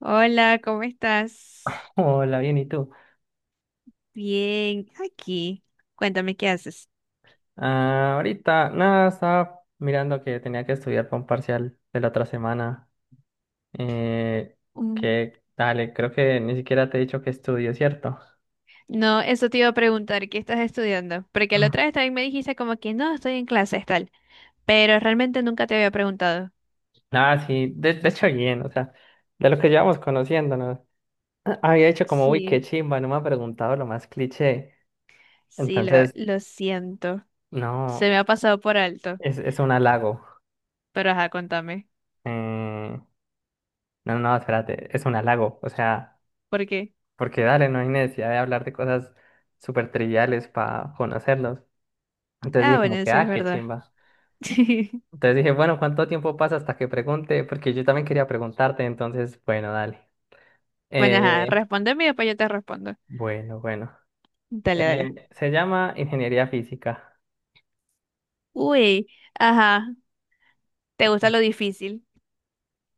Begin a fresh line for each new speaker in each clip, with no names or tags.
Hola, ¿cómo estás?
Hola, bien, ¿y tú?
Bien, aquí. Cuéntame qué haces.
Ah, ahorita, nada, estaba mirando que tenía que estudiar para un parcial de la otra semana. Eh,
Mm.
dale, creo que ni siquiera te he dicho que estudio, ¿cierto?
No, eso te iba a preguntar, ¿qué estás estudiando? Porque la
Mm.
otra vez también me dijiste como que no, estoy en clases, tal, pero realmente nunca te había preguntado.
Nada, sí, de hecho, bien, o sea, de lo que llevamos conociéndonos. Ah, había hecho como, uy,
Sí,
qué chimba, no me ha preguntado lo más cliché.
sí, lo,
Entonces,
lo siento, se
no,
me ha pasado por alto,
es un halago.
pero ajá, contame,
Eh, no, no, espérate, es un halago, o sea.
¿por qué?
Porque dale, no hay necesidad de hablar de cosas súper triviales para conocerlos. Entonces
Ah,
dije como
bueno,
que,
sí es
ah, qué
verdad.
chimba. Entonces dije, bueno, ¿cuánto tiempo pasa hasta que pregunte? Porque yo también quería preguntarte, entonces, bueno, dale.
Bueno, ajá,
Eh,
respóndeme y después yo te respondo.
bueno, bueno.
Dale, dale.
Se llama ingeniería física.
Uy, ajá, ¿te gusta lo difícil?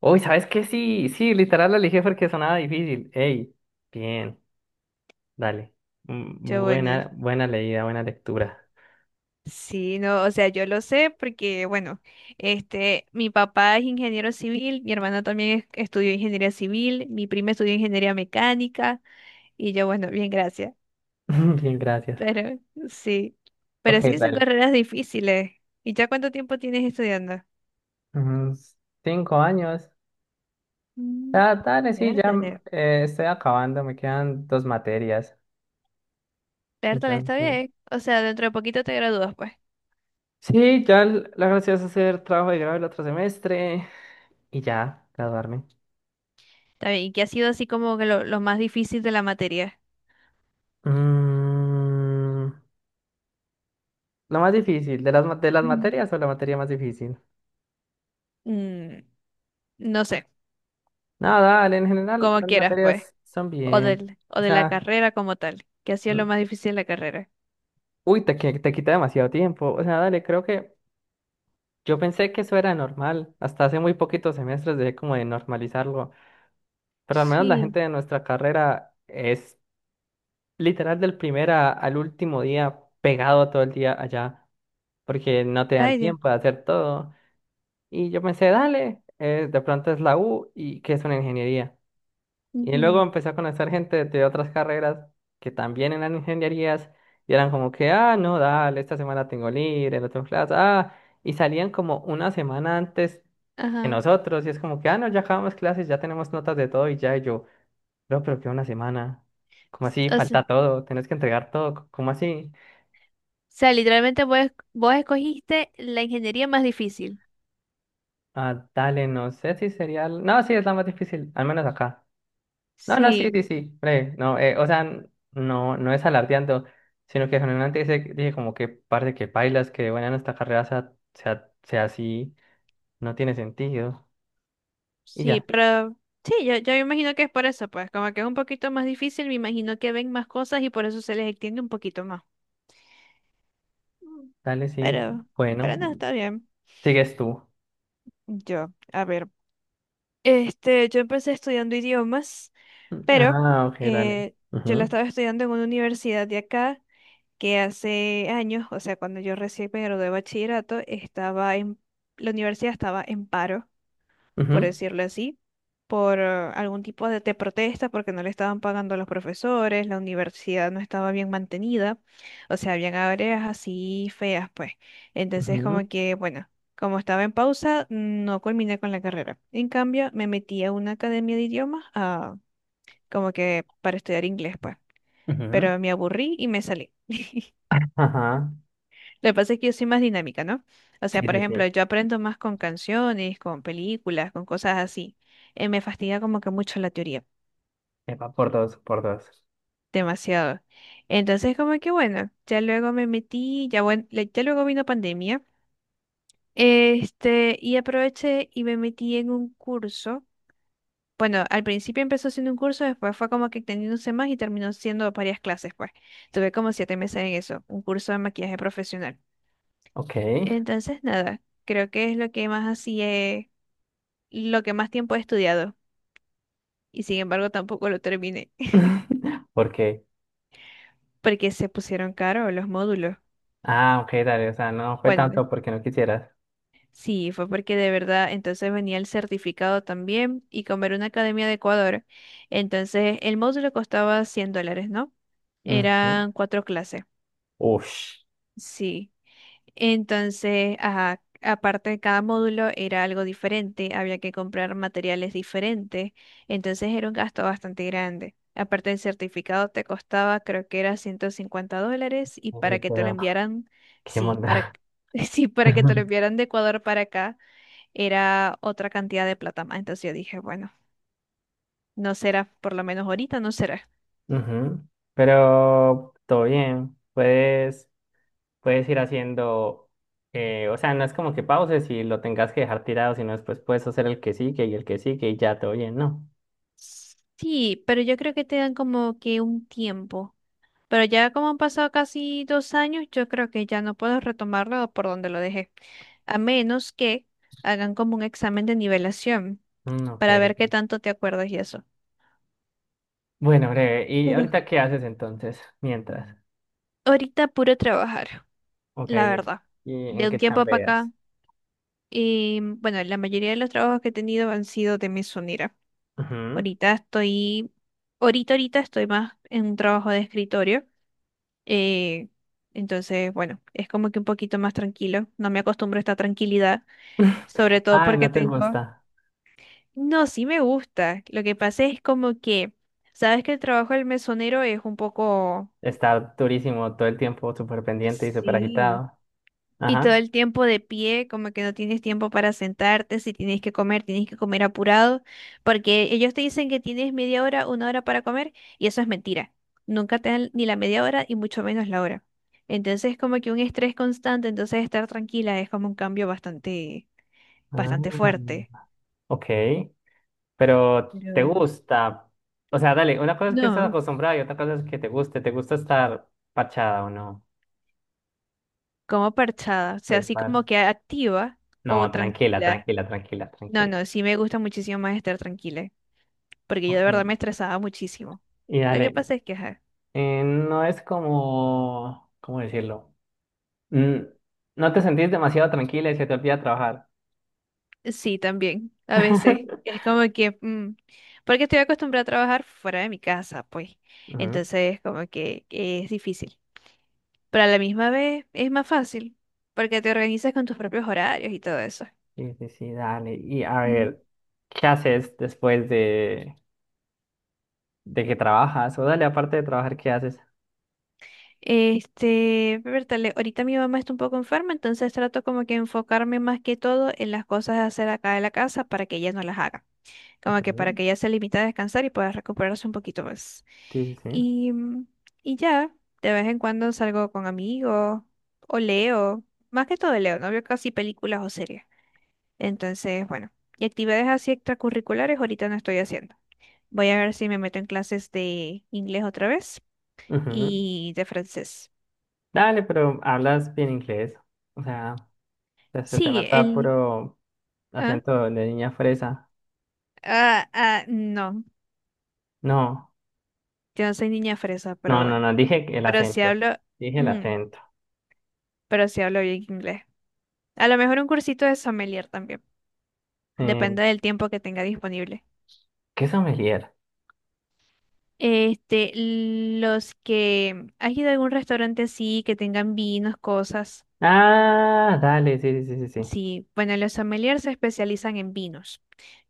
Uy, ¿sabes qué? Sí, sí, literal lo elegí porque sonaba difícil. Ey, bien, dale. Mm,
Yo, bueno.
buena, buena leída, buena lectura.
Sí, no, o sea, yo lo sé porque, bueno, este, mi papá es ingeniero civil, mi hermana también estudió ingeniería civil, mi prima estudió ingeniería mecánica y yo, bueno, bien, gracias.
Bien, gracias.
Pero sí,
Ok,
pero sí son
dale.
carreras difíciles. ¿Y ya cuánto tiempo tienes estudiando?
Unos cinco años.
Mm.
Ah, dale, sí, ya
Pértale,
estoy acabando, me quedan dos materias.
pértale, está
Entonces,
bien. O sea, dentro de poquito te gradúas, pues.
sí, ya la gracia es hacer trabajo de grado el otro semestre y ya, graduarme.
Está bien. ¿Y qué ha sido así como que lo más difícil de la materia?
Mm, lo más difícil, ¿de las, de las
Ujú.
materias o la materia más difícil?
Mm, no sé,
No, dale, en general
como
las
quieras, pues.
materias son
o
bien.
del, o
O
de la
sea,
carrera como tal, que hacía lo
mm,
más difícil la carrera.
uy, te quita demasiado tiempo. O sea, dale, creo que yo pensé que eso era normal. Hasta hace muy poquitos semestres dejé como de normalizarlo. Pero al menos la
Sí,
gente de nuestra carrera es literal del primer al último día pegado todo el día allá, porque no te da el
ay Dios.
tiempo de hacer todo. Y yo pensé, dale, de pronto es la U y que es una ingeniería. Y luego
Ujú.
empecé a conocer gente de otras carreras que también eran ingenierías y eran como que, ah, no, dale, esta semana tengo libre, no tengo clase, ah, y salían como una semana antes que
Ajá.
nosotros y es como que, ah, no, ya acabamos clases, ya tenemos notas de todo y ya y yo. No, pero que una semana. ¿Cómo así?
O sea, o
Falta todo. Tenés que entregar todo. ¿Cómo así?
sea, literalmente vos escogiste la ingeniería más difícil.
Ah, dale, no sé si sería. No, sí, es la más difícil, al menos acá. No, no, sí,
Sí,
sí, sí. Bre, no, o sea, no, no es alardeando, sino que generalmente dice, dije como que parte que bailas, que bueno, nuestra carrera sea así, no tiene sentido. Y
sí,
ya,
pero sí, yo imagino que es por eso, pues, como que es un poquito más difícil, me imagino que ven más cosas y por eso se les extiende un poquito más.
dale, sí.
Pero, pero no,
Bueno,
está bien.
sigues tú.
Yo, a ver. Yo empecé estudiando idiomas, pero
Ah, ok, dale.
eh, yo la
Ujú,
estaba estudiando en una universidad de acá que hace años, o sea, cuando yo recién me gradué de bachillerato, la universidad estaba en paro, por
ujú,
decirlo así, por algún tipo de protesta, porque no le estaban pagando a los profesores, la universidad no estaba bien mantenida, o sea, habían áreas así feas, pues. Entonces,
ujú,
como que, bueno. Como estaba en pausa, no culminé con la carrera. En cambio, me metí a una academia de idiomas, ah, como que para estudiar inglés, pues.
ujú.
Pero me aburrí y me salí.
Ajá.
Lo que pasa es que yo soy más dinámica, ¿no? O sea,
Sí,
por
sí,
ejemplo,
sí.
yo aprendo más con canciones, con películas, con cosas así. Me fastidia como que mucho la teoría,
Epa, por dos, por dos.
demasiado. Entonces, como que bueno, ya luego me metí, ya, ya luego vino pandemia, y aproveché y me metí en un curso. Bueno, al principio empezó siendo un curso, después fue como que extendiéndose más y terminó siendo varias clases, pues. Tuve como 7 meses en eso, un curso de maquillaje profesional.
Ok.
Entonces, nada, creo que es lo que más tiempo he estudiado y sin embargo tampoco lo terminé
¿Por qué?
porque se pusieron caros los módulos.
Ah, ok, dale. O sea, no fue
Bueno,
tanto porque no quisieras.
sí, fue porque de verdad entonces venía el certificado también y como era una academia de Ecuador, entonces el módulo costaba $100, ¿no?
Ujú.
Eran cuatro clases,
Ush.
sí. Entonces, ajá, aparte de cada módulo era algo diferente, había que comprar materiales diferentes, entonces era un gasto bastante grande. Aparte del certificado te costaba, creo que era $150 y para
Uy,
que te lo
pero
enviaran,
qué
sí,
monda.
sí, para que te lo enviaran de Ecuador para acá era otra cantidad de plata más. Entonces yo dije, bueno, no será, por lo menos ahorita no será.
Ujú. Pero todo bien. Puedes ir haciendo. Eh, o sea, no es como que pauses y lo tengas que dejar tirado, sino después puedes hacer el que sigue y el que sigue y ya todo bien, ¿no?
Sí, pero yo creo que te dan como que un tiempo. Pero ya como han pasado casi 2 años, yo creo que ya no puedo retomarlo por donde lo dejé, a menos que hagan como un examen de nivelación
Mm, ok.
para ver qué tanto te acuerdas y eso.
Bueno, breve. ¿Y
Pero,
ahorita qué haces entonces? Mientras.
ahorita puro trabajar,
Ok.
la verdad.
¿Y
De
en
un
qué
tiempo para
chambeas?
acá, y bueno, la mayoría de los trabajos que he tenido han sido de mesonera.
Ujú.
Ahorita estoy, ahorita estoy más en un trabajo de escritorio. eh, entonces, bueno, es como que un poquito más tranquilo. No me acostumbro a esta tranquilidad. Sobre todo
Ah,
porque
no te
tengo...
gusta
No, sí me gusta. Lo que pasa es como que, sabes que el trabajo del mesonero es un poco...
estar durísimo todo el tiempo, súper pendiente y súper
Sí.
agitado.
Y todo
Ajá.
el tiempo de pie, como que no tienes tiempo para sentarte, si tienes que comer, tienes que comer apurado, porque ellos te dicen que tienes media hora, una hora para comer, y eso es mentira. Nunca te dan ni la media hora y mucho menos la hora. Entonces, como que un estrés constante, entonces estar tranquila es como un cambio bastante, bastante
Ah,
fuerte.
ok, pero
Pero
te
bueno.
gusta. O sea, dale, una cosa es que estás
No.
acostumbrada y otra cosa es que te guste. ¿Te gusta estar parchada o no?
Como parchada, o sea,
Pues,
así
par-
como que activa o
No, tranquila,
tranquila.
tranquila, tranquila,
No,
tranquila.
no, sí me gusta muchísimo más estar tranquila, porque yo de verdad
Ok.
me estresaba muchísimo.
Y
Lo que
dale,
pasa es que, ajá,
no es como, ¿cómo decirlo? Mm, no te sentís demasiado tranquila y se te olvida trabajar.
sí, también, a veces. Es como que, porque estoy acostumbrada a trabajar fuera de mi casa, pues.
Ujú.
Entonces, como que es difícil. Pero a la misma vez es más fácil, porque te organizas con tus propios horarios y todo eso.
Sí, sí, sí, dale. Y a ver, ¿qué haces después de, que trabajas? O dale, aparte de trabajar, ¿qué haces?
Bertale, ahorita mi mamá está un poco enferma, entonces trato como que enfocarme más que todo en las cosas de hacer acá de la casa para que ella no las haga. Como que
Ajá.
para que ella se limite a descansar y pueda recuperarse un poquito más.
Sí, sí, sí.
Y, mm, y ya, de vez en cuando salgo con amigos o leo, más que todo leo, no veo casi películas o series. Entonces, bueno, y actividades así extracurriculares ahorita no estoy haciendo. Voy a ver si me meto en clases de inglés otra vez
Ujú.
y de francés.
Dale, pero hablas bien inglés. O sea, se te
Sí,
nota
el
puro
Ah,
acento de niña fresa.
ah, ah, no,
No,
yo no soy niña fresa, pero
no, no,
bueno.
no, dije el
Pero sí
acento.
hablo,
Dije el
mm,
acento.
pero sí hablo bien inglés. A lo mejor un cursito de sommelier también.
Eh,
Depende del tiempo que tenga disponible.
¿Qué sommelier?
¿Has ido a algún restaurante así que tengan vinos, cosas?
Ah, dale, sí, sí, sí, sí, sí.
Sí, bueno, los sommeliers se especializan en vinos.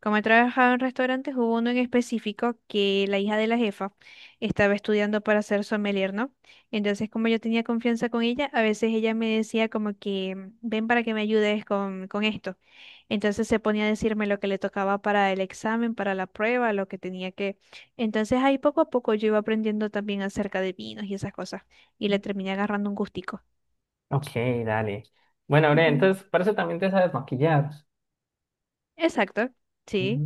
Como he trabajado en restaurantes, hubo uno en específico que la hija de la jefa estaba estudiando para ser sommelier, ¿no? Entonces, como yo tenía confianza con ella, a veces ella me decía como que, "Mm, ven para que me ayudes con esto. Entonces se ponía a decirme lo que le tocaba para el examen, para la prueba, lo que tenía que... Entonces ahí poco a poco yo iba aprendiendo también acerca de vinos y esas cosas, y le terminé agarrando un gustico.
Ok, dale. Bueno, Bre,
Ujú.
entonces, por eso también te sabes maquillar.
Exacto, sí.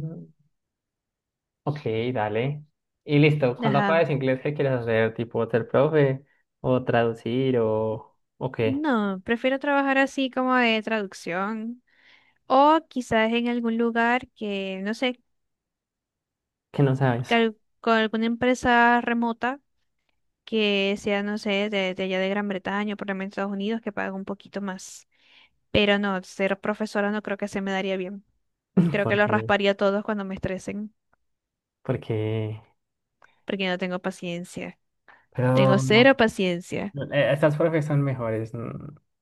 Ok, dale. Y listo, cuando
Ajá.
aprendes inglés, ¿qué quieres hacer? ¿Tipo ser profe? ¿O traducir? O qué?
No, prefiero trabajar así como de traducción o quizás en algún lugar que, no sé,
¿Qué no sabes?
con alguna empresa remota que sea, no sé, de allá de Gran Bretaña o por lo menos Estados Unidos que pague un poquito más. Pero no, ser profesora no creo que se me daría bien. Creo que los
Porque,
rasparía a todos cuando me estresen
porque,
porque no tengo paciencia. Tengo
pero
cero paciencia.
estas profes son mejores, ¿no,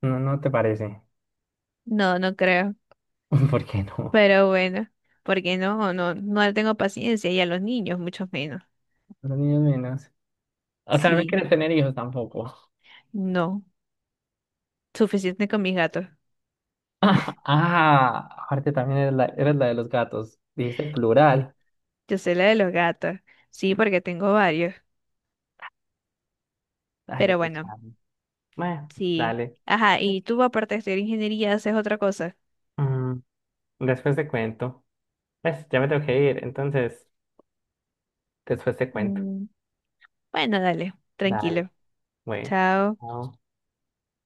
no no te parece?
No, no creo.
¿Por qué no?
Pero bueno, porque no tengo paciencia y a los niños mucho menos.
Los niños menos. O sea, no me
Sí,
quieres tener hijos tampoco.
no. Suficiente con mis gatos.
Ah, aparte también eres la de los gatos. Dijiste plural.
Yo sé la de los gatos. Sí, porque tengo varios. Pero
Dale, qué
bueno,
charme. Bueno,
sí.
dale.
Ajá, y tú aparte de estudiar ingeniería haces otra cosa.
Mm, después te cuento. Pues ya me tengo que ir, entonces después te cuento.
Mm, Bueno, dale,
Dale,
tranquilo.
bueno.
Chao.
Chao.